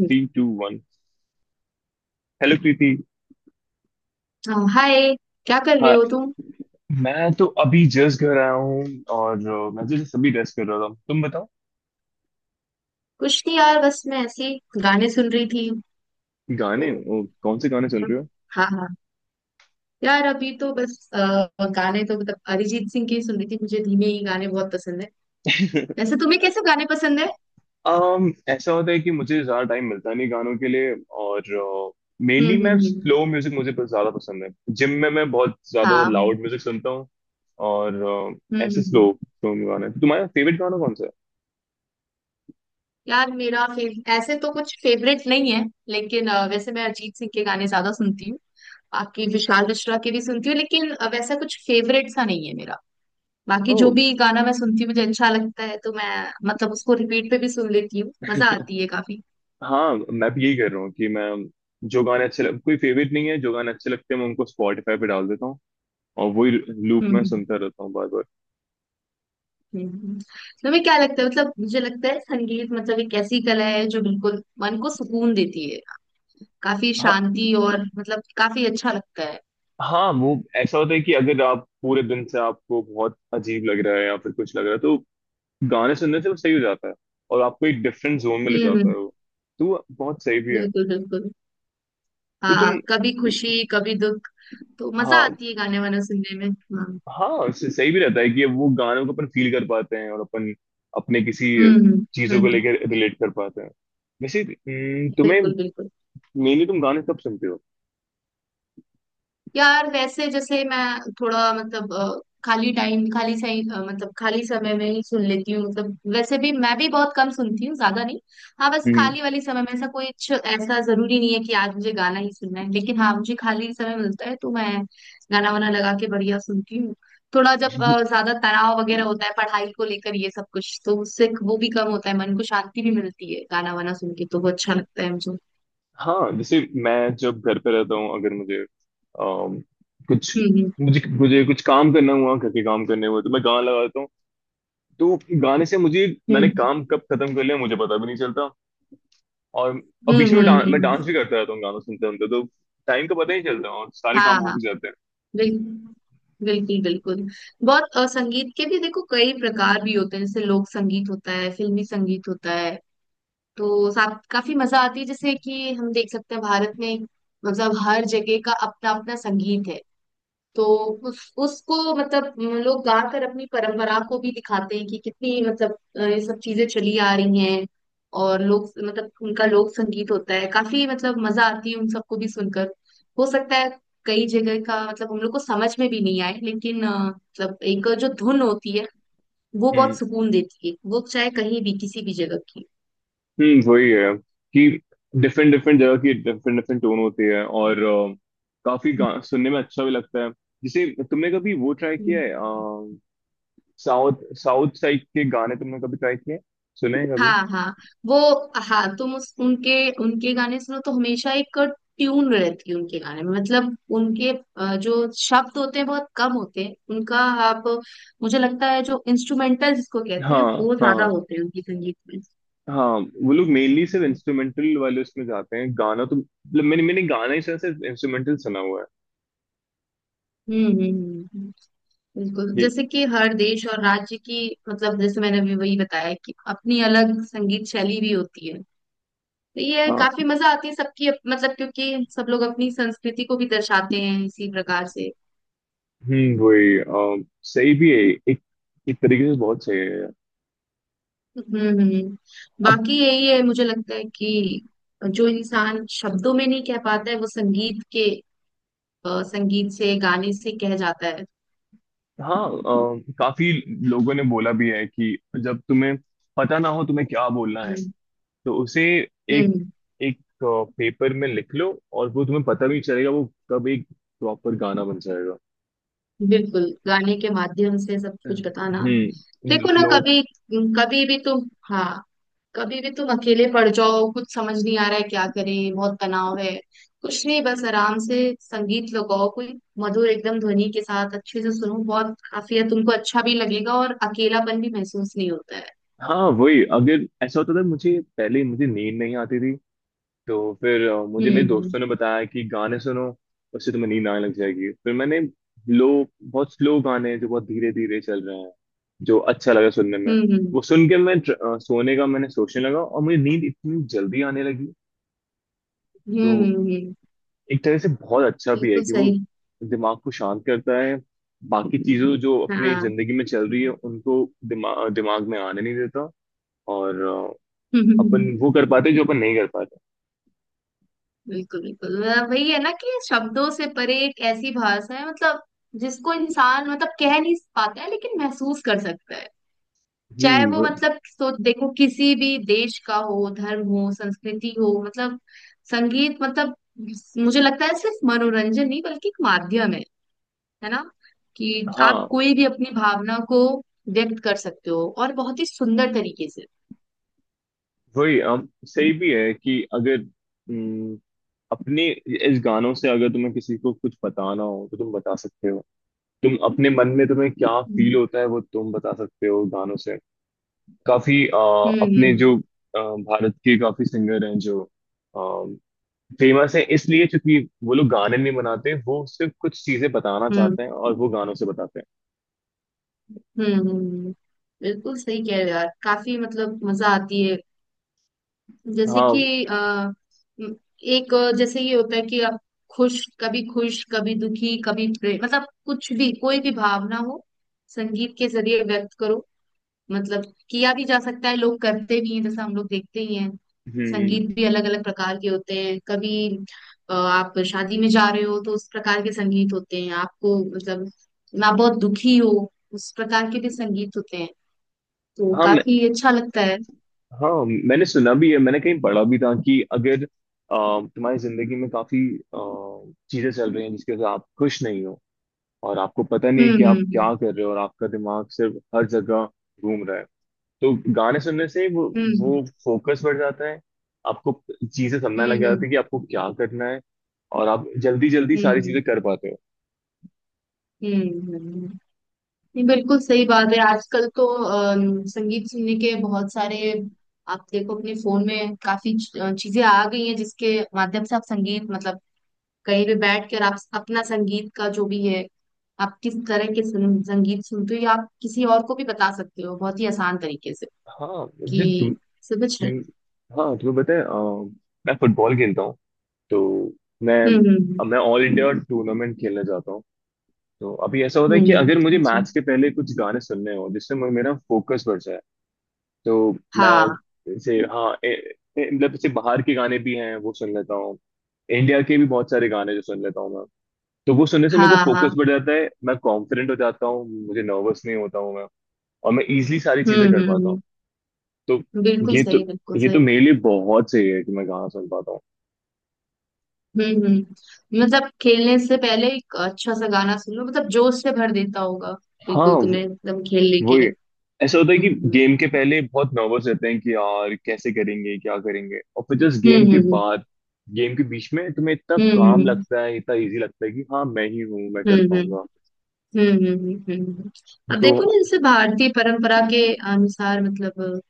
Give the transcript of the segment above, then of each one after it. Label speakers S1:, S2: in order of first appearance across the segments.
S1: हम्म,
S2: 3 2 1। Hello Preeti.
S1: हाँ, hi. क्या कर रहे
S2: हाँ,
S1: हो तुम?
S2: मैं तो अभी जस्ट घर आया हूँ। और मैं तो जस्ट अभी रेस्ट कर रहा था, तुम बताओ।
S1: कुछ नहीं यार, बस मैं ऐसे ही गाने सुन रही थी।
S2: गाने?
S1: तो
S2: कौन से गाने सुन रहे हो?
S1: हाँ हाँ। यार, अभी तो बस गाने तो मतलब अरिजीत सिंह के ही सुन रही थी। मुझे धीमे ही गाने बहुत पसंद है। वैसे तुम्हें कैसे गाने पसंद है?
S2: ऐसा होता है कि मुझे ज्यादा टाइम मिलता नहीं गानों के लिए। और मेनली मैं
S1: हम्म।
S2: स्लो म्यूजिक, मुझे बहुत ज्यादा पसंद है। जिम में मैं बहुत ज्यादा
S1: हाँ, हम्म।
S2: लाउड म्यूजिक सुनता हूँ। और
S1: हम्म
S2: ऐसे
S1: हम्म।
S2: स्लो स्लो गाने, तो तुम्हारा फेवरेट गाना कौन सा है?
S1: यार मेरा फेव ऐसे तो कुछ फेवरेट नहीं है, लेकिन वैसे मैं अरिजीत सिंह के गाने ज्यादा सुनती हूँ। बाकी विशाल मिश्रा के भी सुनती हूँ, लेकिन वैसा कुछ फेवरेट सा नहीं है मेरा। बाकी जो
S2: ओह।
S1: भी गाना मैं सुनती हूँ मुझे अच्छा लगता है, तो मैं मतलब उसको रिपीट पे भी सुन लेती हूँ। मजा आती है काफी।
S2: हाँ, मैं भी यही कर रहा हूँ कि मैं जो गाने अच्छे लग कोई फेवरेट नहीं है, जो गाने अच्छे लगते हैं मैं उनको स्पॉटिफाई पे डाल देता हूँ। और वही लूप में
S1: हम्म
S2: सुनता रहता हूँ, बार बार।
S1: हम्म, हम्म। तुम्हें क्या लगता है? मतलब मुझे लगता है संगीत मतलब एक ऐसी कला है जो बिल्कुल मन को सुकून देती है। काफी
S2: हाँ,
S1: शांति, और मतलब काफी अच्छा लगता है।
S2: हाँ, वो ऐसा होता है कि अगर आप पूरे दिन से आपको बहुत अजीब लग रहा है या फिर कुछ लग रहा है, तो गाने सुनने से वो सही हो जाता है। और आपको एक डिफरेंट जोन में ले जाता है
S1: हम्म।
S2: वो। तो वो बहुत सही भी है।
S1: बिल्कुल बिल्कुल।
S2: तो
S1: हाँ,
S2: तुम,
S1: कभी खुशी कभी दुख। तो मजा
S2: हाँ,
S1: आती है गाने वाने सुनने में। हाँ।
S2: हाँ सही भी रहता है कि वो गानों को अपन फील कर पाते हैं, और अपन अपने किसी
S1: हम्म हम्म,
S2: चीजों को
S1: हम्म।
S2: लेकर रिलेट कर पाते हैं। वैसे तुम्हें
S1: बिल्कुल बिल्कुल।
S2: मेनली तुम गाने कब सुनते हो?
S1: यार वैसे जैसे मैं, थोड़ा मतलब खाली टाइम, खाली सही, मतलब खाली समय में ही सुन लेती हूँ। मतलब वैसे भी मैं भी बहुत कम सुनती हूँ, ज्यादा नहीं। हाँ, बस
S2: हम्म।
S1: खाली वाली समय में, ऐसा जरूरी नहीं है कि आज मुझे गाना ही सुनना है, लेकिन हाँ मुझे खाली समय मिलता है तो मैं गाना वाना लगा के बढ़िया सुनती हूँ। थोड़ा जब ज्यादा तनाव वगैरह होता है पढ़ाई को लेकर, ये सब कुछ, तो उससे वो भी कम होता है, मन को शांति भी मिलती है गाना वाना सुन के। तो वो अच्छा लगता है मुझे।
S2: हाँ, जैसे मैं जब घर पे रहता हूँ, अगर मुझे अम, कुछ
S1: हम्म
S2: मुझे मुझे कुछ काम करना हुआ, घर के काम करने हुए, तो मैं गाना लगा देता हूँ। तो गाने से मुझे मैंने
S1: हम्म
S2: काम कब खत्म कर लिया मुझे पता भी नहीं चलता। और अब बीच में मैं
S1: हम्म।
S2: डांस भी करता रहता हूँ गाना सुनते सुनते। तो टाइम का पता ही नहीं चलता और सारे काम
S1: हाँ
S2: हो
S1: हाँ।
S2: भी जाते हैं।
S1: बिल, बिल्कुल बिल्कुल। बहुत संगीत के भी देखो कई प्रकार भी होते हैं, जैसे लोक संगीत होता है, फिल्मी संगीत होता है। तो साथ काफी मजा आती है, जैसे कि हम देख सकते हैं भारत में मतलब हर जगह का अपना अपना संगीत है। तो उसको मतलब लोग गाकर अपनी परंपरा को भी दिखाते हैं, कि कितनी मतलब ये सब चीजें चली आ रही हैं। और लोग मतलब, उनका लोक संगीत होता है, काफी मतलब मजा आती है उन सबको भी सुनकर। हो सकता है कई जगह का मतलब हम लोग को समझ में भी नहीं आए, लेकिन मतलब एक जो धुन होती है वो बहुत
S2: हम्म,
S1: सुकून देती है, वो चाहे कहीं भी किसी भी जगह
S2: हम्म, वही है कि डिफरेंट डिफरेंट जगह की डिफरेंट डिफरेंट टोन होती है। और काफी सुनने में अच्छा भी लगता है। जैसे तुमने कभी वो ट्राई किया
S1: की।
S2: है? साउथ साउथ साइड के गाने तुमने कभी ट्राई किए? सुने हैं कभी?
S1: हाँ हाँ। वो। हाँ तुम उस उनके उनके गाने सुनो तो हमेशा एक ट्यून रहती है उनके गाने में, मतलब उनके जो शब्द होते हैं बहुत कम होते हैं उनका। आप, मुझे लगता है जो इंस्ट्रूमेंटल जिसको कहते हैं
S2: हाँ,
S1: वो ज्यादा
S2: हाँ,
S1: होते हैं उनकी संगीत में।
S2: हाँ। वो लोग मेनली सिर्फ
S1: हम्म।
S2: इंस्ट्रूमेंटल वाले उसमें जाते हैं, गाना तो मतलब मैंने मैंने गाना ही सुना सिर्फ, इंस्ट्रूमेंटल सुना हुआ है।
S1: हम्म। बिल्कुल
S2: ये,
S1: जैसे कि हर देश और राज्य की मतलब, जैसे मैंने अभी वही बताया, कि अपनी अलग संगीत शैली भी होती है। तो ये
S2: हाँ,
S1: काफी मजा आती है सबकी मतलब क्योंकि सब लोग अपनी संस्कृति को भी दर्शाते हैं इसी प्रकार से।
S2: हम्म, वही सही भी है। एक एक तरीके से बहुत सही है यार।
S1: हम्म हम्म।
S2: अब,
S1: बाकी यही है, मुझे लगता है कि जो इंसान शब्दों में नहीं कह पाता है वो संगीत के संगीत से, गाने से कह जाता है।
S2: हाँ काफी लोगों ने बोला भी है कि जब तुम्हें पता ना हो तुम्हें क्या बोलना है,
S1: हम्म
S2: तो उसे एक
S1: हम्म।
S2: एक पेपर में लिख लो, और वो तुम्हें पता भी नहीं चलेगा वो कब एक प्रॉपर गाना बन जाएगा।
S1: बिल्कुल गाने के माध्यम से सब कुछ बताना।
S2: हम्म।
S1: देखो ना,
S2: लोग,
S1: कभी कभी भी तुम, हाँ, कभी भी तुम अकेले पड़ जाओ, कुछ समझ नहीं आ रहा है, क्या करें, बहुत तनाव है, कुछ नहीं बस आराम से संगीत लगाओ। कोई मधुर एकदम ध्वनि के साथ अच्छे से सुनो, बहुत काफी है तुमको। अच्छा भी लगेगा और अकेलापन भी महसूस नहीं होता है।
S2: हाँ, वही, अगर ऐसा होता था, मुझे पहले मुझे नींद नहीं आती थी। तो फिर मुझे मेरे
S1: हम्म
S2: दोस्तों ने बताया कि गाने सुनो, उससे तुम्हें नींद आने लग जाएगी। फिर मैंने लो बहुत स्लो गाने जो बहुत धीरे धीरे चल रहे हैं जो अच्छा लगा सुनने में,
S1: हम्म हम्म
S2: वो सुन के मैं सोने का मैंने सोचने लगा और मुझे नींद इतनी जल्दी आने लगी। तो
S1: हम्म, हम्म।
S2: एक तरह से बहुत अच्छा भी है
S1: बिल्कुल
S2: कि वो
S1: सही।
S2: दिमाग को शांत करता है। बाकी चीजों जो अपनी
S1: हाँ।
S2: जिंदगी में चल रही है उनको दिमाग दिमाग में आने नहीं देता। और
S1: हम्म।
S2: अपन वो कर पाते जो अपन नहीं कर पाते।
S1: बिल्कुल बिल्कुल, मतलब वही है ना, कि शब्दों से परे एक ऐसी भाषा है मतलब जिसको इंसान मतलब कह नहीं पाता है लेकिन महसूस कर सकता है। चाहे
S2: हम्म,
S1: वो मतलब, तो देखो किसी भी देश का हो, धर्म हो, संस्कृति हो, मतलब संगीत मतलब मुझे लगता है सिर्फ मनोरंजन नहीं बल्कि एक माध्यम है ना, कि आप
S2: हाँ,
S1: कोई भी अपनी भावना को व्यक्त कर सकते हो, और बहुत ही सुंदर तरीके से।
S2: वही सही भी है कि अगर हम्म, अपने इस गानों से अगर तुम्हें किसी को कुछ बताना हो तो तुम बता सकते हो। तुम अपने मन में तुम्हें क्या फील
S1: हम्म
S2: होता है वो तुम बता सकते हो गानों से। काफी
S1: हम्म
S2: अपने
S1: हम्म
S2: जो भारत के काफी सिंगर हैं जो फेमस हैं इसलिए क्योंकि वो लोग गाने नहीं बनाते, वो सिर्फ कुछ चीजें बताना
S1: हम्म
S2: चाहते हैं और वो गानों से बताते हैं।
S1: हम्म, हम्म, हम्म। बिल्कुल सही कह रहे हो यार, काफी मतलब मजा आती है। जैसे
S2: हाँ,
S1: कि एक जैसे ये होता है कि आप खुश, कभी खुश, कभी दुखी, कभी प्रेम, मतलब कुछ भी कोई भी भावना हो संगीत के जरिए व्यक्त करो, मतलब किया भी जा सकता है, लोग करते भी हैं, जैसा हम लोग देखते ही हैं।
S2: हम्म,
S1: संगीत भी अलग अलग प्रकार के होते हैं, कभी आप शादी में जा रहे हो तो उस प्रकार के संगीत होते हैं, आपको मतलब आप बहुत दुखी हो उस प्रकार के भी संगीत होते हैं। तो
S2: हाँ, मैं,
S1: काफी अच्छा लगता है।
S2: हाँ मैंने सुना भी है, मैंने कहीं पढ़ा भी था कि अगर तुम्हारी जिंदगी में काफी चीजें चल रही हैं जिसकी वजह से आप खुश नहीं हो, और आपको पता नहीं कि
S1: हम्म
S2: आप
S1: हम्म
S2: क्या कर रहे हो, और आपका दिमाग सिर्फ हर जगह घूम रहा है, तो गाने सुनने से
S1: हम्म
S2: वो फोकस बढ़ जाता है। आपको चीजें समझने
S1: हम्म
S2: लग
S1: हम्म हम्म
S2: जाती है कि आपको क्या करना है, और आप जल्दी जल्दी सारी
S1: हम्म
S2: चीजें कर पाते हो।
S1: हम्म हम्म। नहीं, बिल्कुल सही बात है। आजकल तो संगीत सुनने के बहुत सारे, आप देखो अपने फोन में काफी चीजें आ गई हैं जिसके माध्यम से आप संगीत मतलब कहीं भी बैठ कर आप अपना संगीत का जो भी है, आप किस तरह के संगीत सुनते हो, या आप किसी और को भी बता सकते हो बहुत ही आसान तरीके से
S2: हाँ, मुझे तुम,
S1: कि, समझ रहे।
S2: तुम हाँ तुम्हें पता है मैं फुटबॉल खेलता हूँ। तो मैं
S1: हम्म हम्म
S2: मैं ऑल इंडिया टूर्नामेंट खेलने जाता हूँ। तो अभी ऐसा होता है कि अगर मुझे
S1: अच्छा।
S2: मैच के पहले कुछ गाने सुनने हो जिससे मेरा फोकस बढ़ जाए, तो मैं,
S1: हाँ
S2: जैसे हाँ, मतलब जैसे बाहर के गाने भी हैं वो सुन लेता हूँ। इंडिया के भी बहुत सारे गाने जो सुन लेता हूँ। तो वो सुनने से मेरे को
S1: हाँ
S2: फोकस
S1: हाँ।
S2: बढ़ जाता है, मैं कॉन्फिडेंट हो जाता हूँ, मुझे नर्वस नहीं होता हूँ मैं। और मैं इजिली सारी चीजें कर पाता हूँ।
S1: हम्म।
S2: तो
S1: बिल्कुल
S2: ये तो
S1: सही बिल्कुल
S2: ये
S1: सही।
S2: तो मेरे लिए बहुत सही है कि मैं गाना सुन पाता हूँ।
S1: मतलब खेलने से पहले एक अच्छा सा गाना सुन लो, मतलब जोश से भर देता होगा
S2: हाँ,
S1: बिल्कुल, तुम्हें एकदम खेलने के
S2: वो ही।
S1: लिए।
S2: ऐसा होता है कि
S1: हम्म
S2: गेम के पहले बहुत नर्वस रहते हैं कि यार कैसे करेंगे क्या करेंगे, और फिर जस्ट गेम
S1: हम्म
S2: के
S1: हम्म
S2: बाद गेम के बीच में तुम्हें इतना काम
S1: हम्म
S2: लगता है इतना इजी लगता है कि हाँ मैं ही हूँ, मैं
S1: हम्म
S2: कर
S1: हम्म
S2: पाऊंगा।
S1: हम्म हम्म हम्म, हम्म, हम्म। हम्म, हम्म, हम्म। अब
S2: तो,
S1: देखो ना, जैसे भारतीय परंपरा के अनुसार मतलब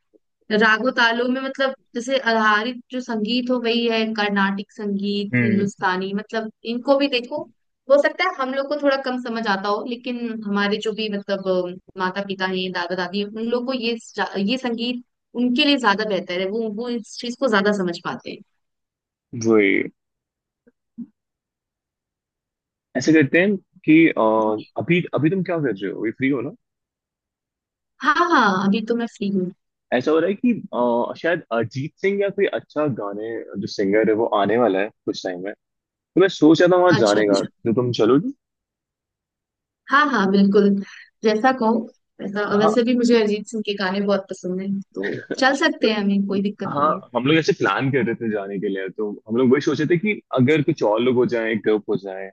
S1: रागो तालों में मतलब जैसे आधारित जो संगीत हो, वही है कर्नाटिक संगीत,
S2: हम्म,
S1: हिंदुस्तानी, मतलब इनको भी देखो। हो सकता है हम लोग को थोड़ा कम समझ आता हो, लेकिन हमारे जो भी मतलब माता पिता हैं, दादा दादी हैं, उन लोग को ये संगीत उनके लिए ज्यादा बेहतर है। वो इस चीज को ज्यादा समझ पाते हैं।
S2: वही ऐसे करते हैं कि अभी अभी तुम क्या कर रहे हो, अभी फ्री हो?
S1: हाँ हाँ, अभी तो मैं फ्री हूँ।
S2: ऐसा हो रहा है कि शायद अरिजीत सिंह या कोई अच्छा गाने जो सिंगर है वो आने वाला है कुछ टाइम में। तो मैं सोच रहा था वहां
S1: अच्छा
S2: जाने का,
S1: अच्छा।
S2: तो तुम चलोगी?
S1: हाँ हाँ बिल्कुल। जैसा कहो वैसा।
S2: हाँ।
S1: वैसे भी मुझे अरिजीत सिंह के गाने बहुत पसंद है। तो चल
S2: तो
S1: सकते हैं, हमें कोई दिक्कत नहीं है।
S2: हाँ, हम लोग ऐसे प्लान कर रहे थे जाने के लिए, तो हम लोग वही सोचे थे कि अगर कुछ और लोग हो जाए ग्रुप हो जाए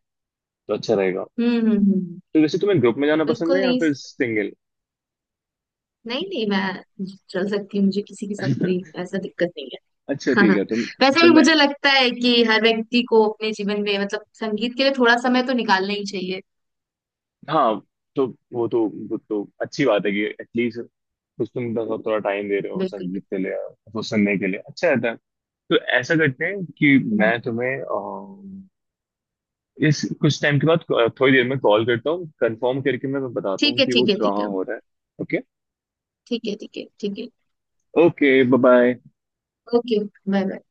S2: तो अच्छा रहेगा।
S1: हम्म।
S2: तो वैसे तुम्हें ग्रुप में जाना पसंद
S1: बिल्कुल
S2: है या
S1: नहीं।
S2: फिर सिंगल?
S1: नहीं नहीं, मैं चल सकती हूँ, मुझे किसी के साथ कोई ऐसा दिक्कत नहीं है।
S2: अच्छा,
S1: हाँ,
S2: ठीक है तुम।
S1: वैसे
S2: तो
S1: भी
S2: मैं,
S1: मुझे लगता है कि हर व्यक्ति को अपने जीवन में मतलब संगीत के लिए थोड़ा समय तो निकालना ही चाहिए।
S2: हाँ, तो वो तो वो तो अच्छी बात है कि एटलीस्ट कुछ तुम थोड़ा टाइम दे रहे हो
S1: बिल्कुल
S2: संगीत के
S1: बिल्कुल।
S2: लिए। तो सुनने के लिए अच्छा रहता है। तो ऐसा करते हैं कि
S1: हम्म,
S2: मैं तुम्हें इस कुछ टाइम के बाद थोड़ी देर में कॉल करता हूँ, कंफर्म करके मैं बताता
S1: ठीक
S2: हूँ
S1: है
S2: कि वो
S1: ठीक है ठीक
S2: कहाँ
S1: है।
S2: हो रहा है। ओके।
S1: ठीक है ठीक है ठीक है।
S2: Okay, bye bye.
S1: Okay bye bye.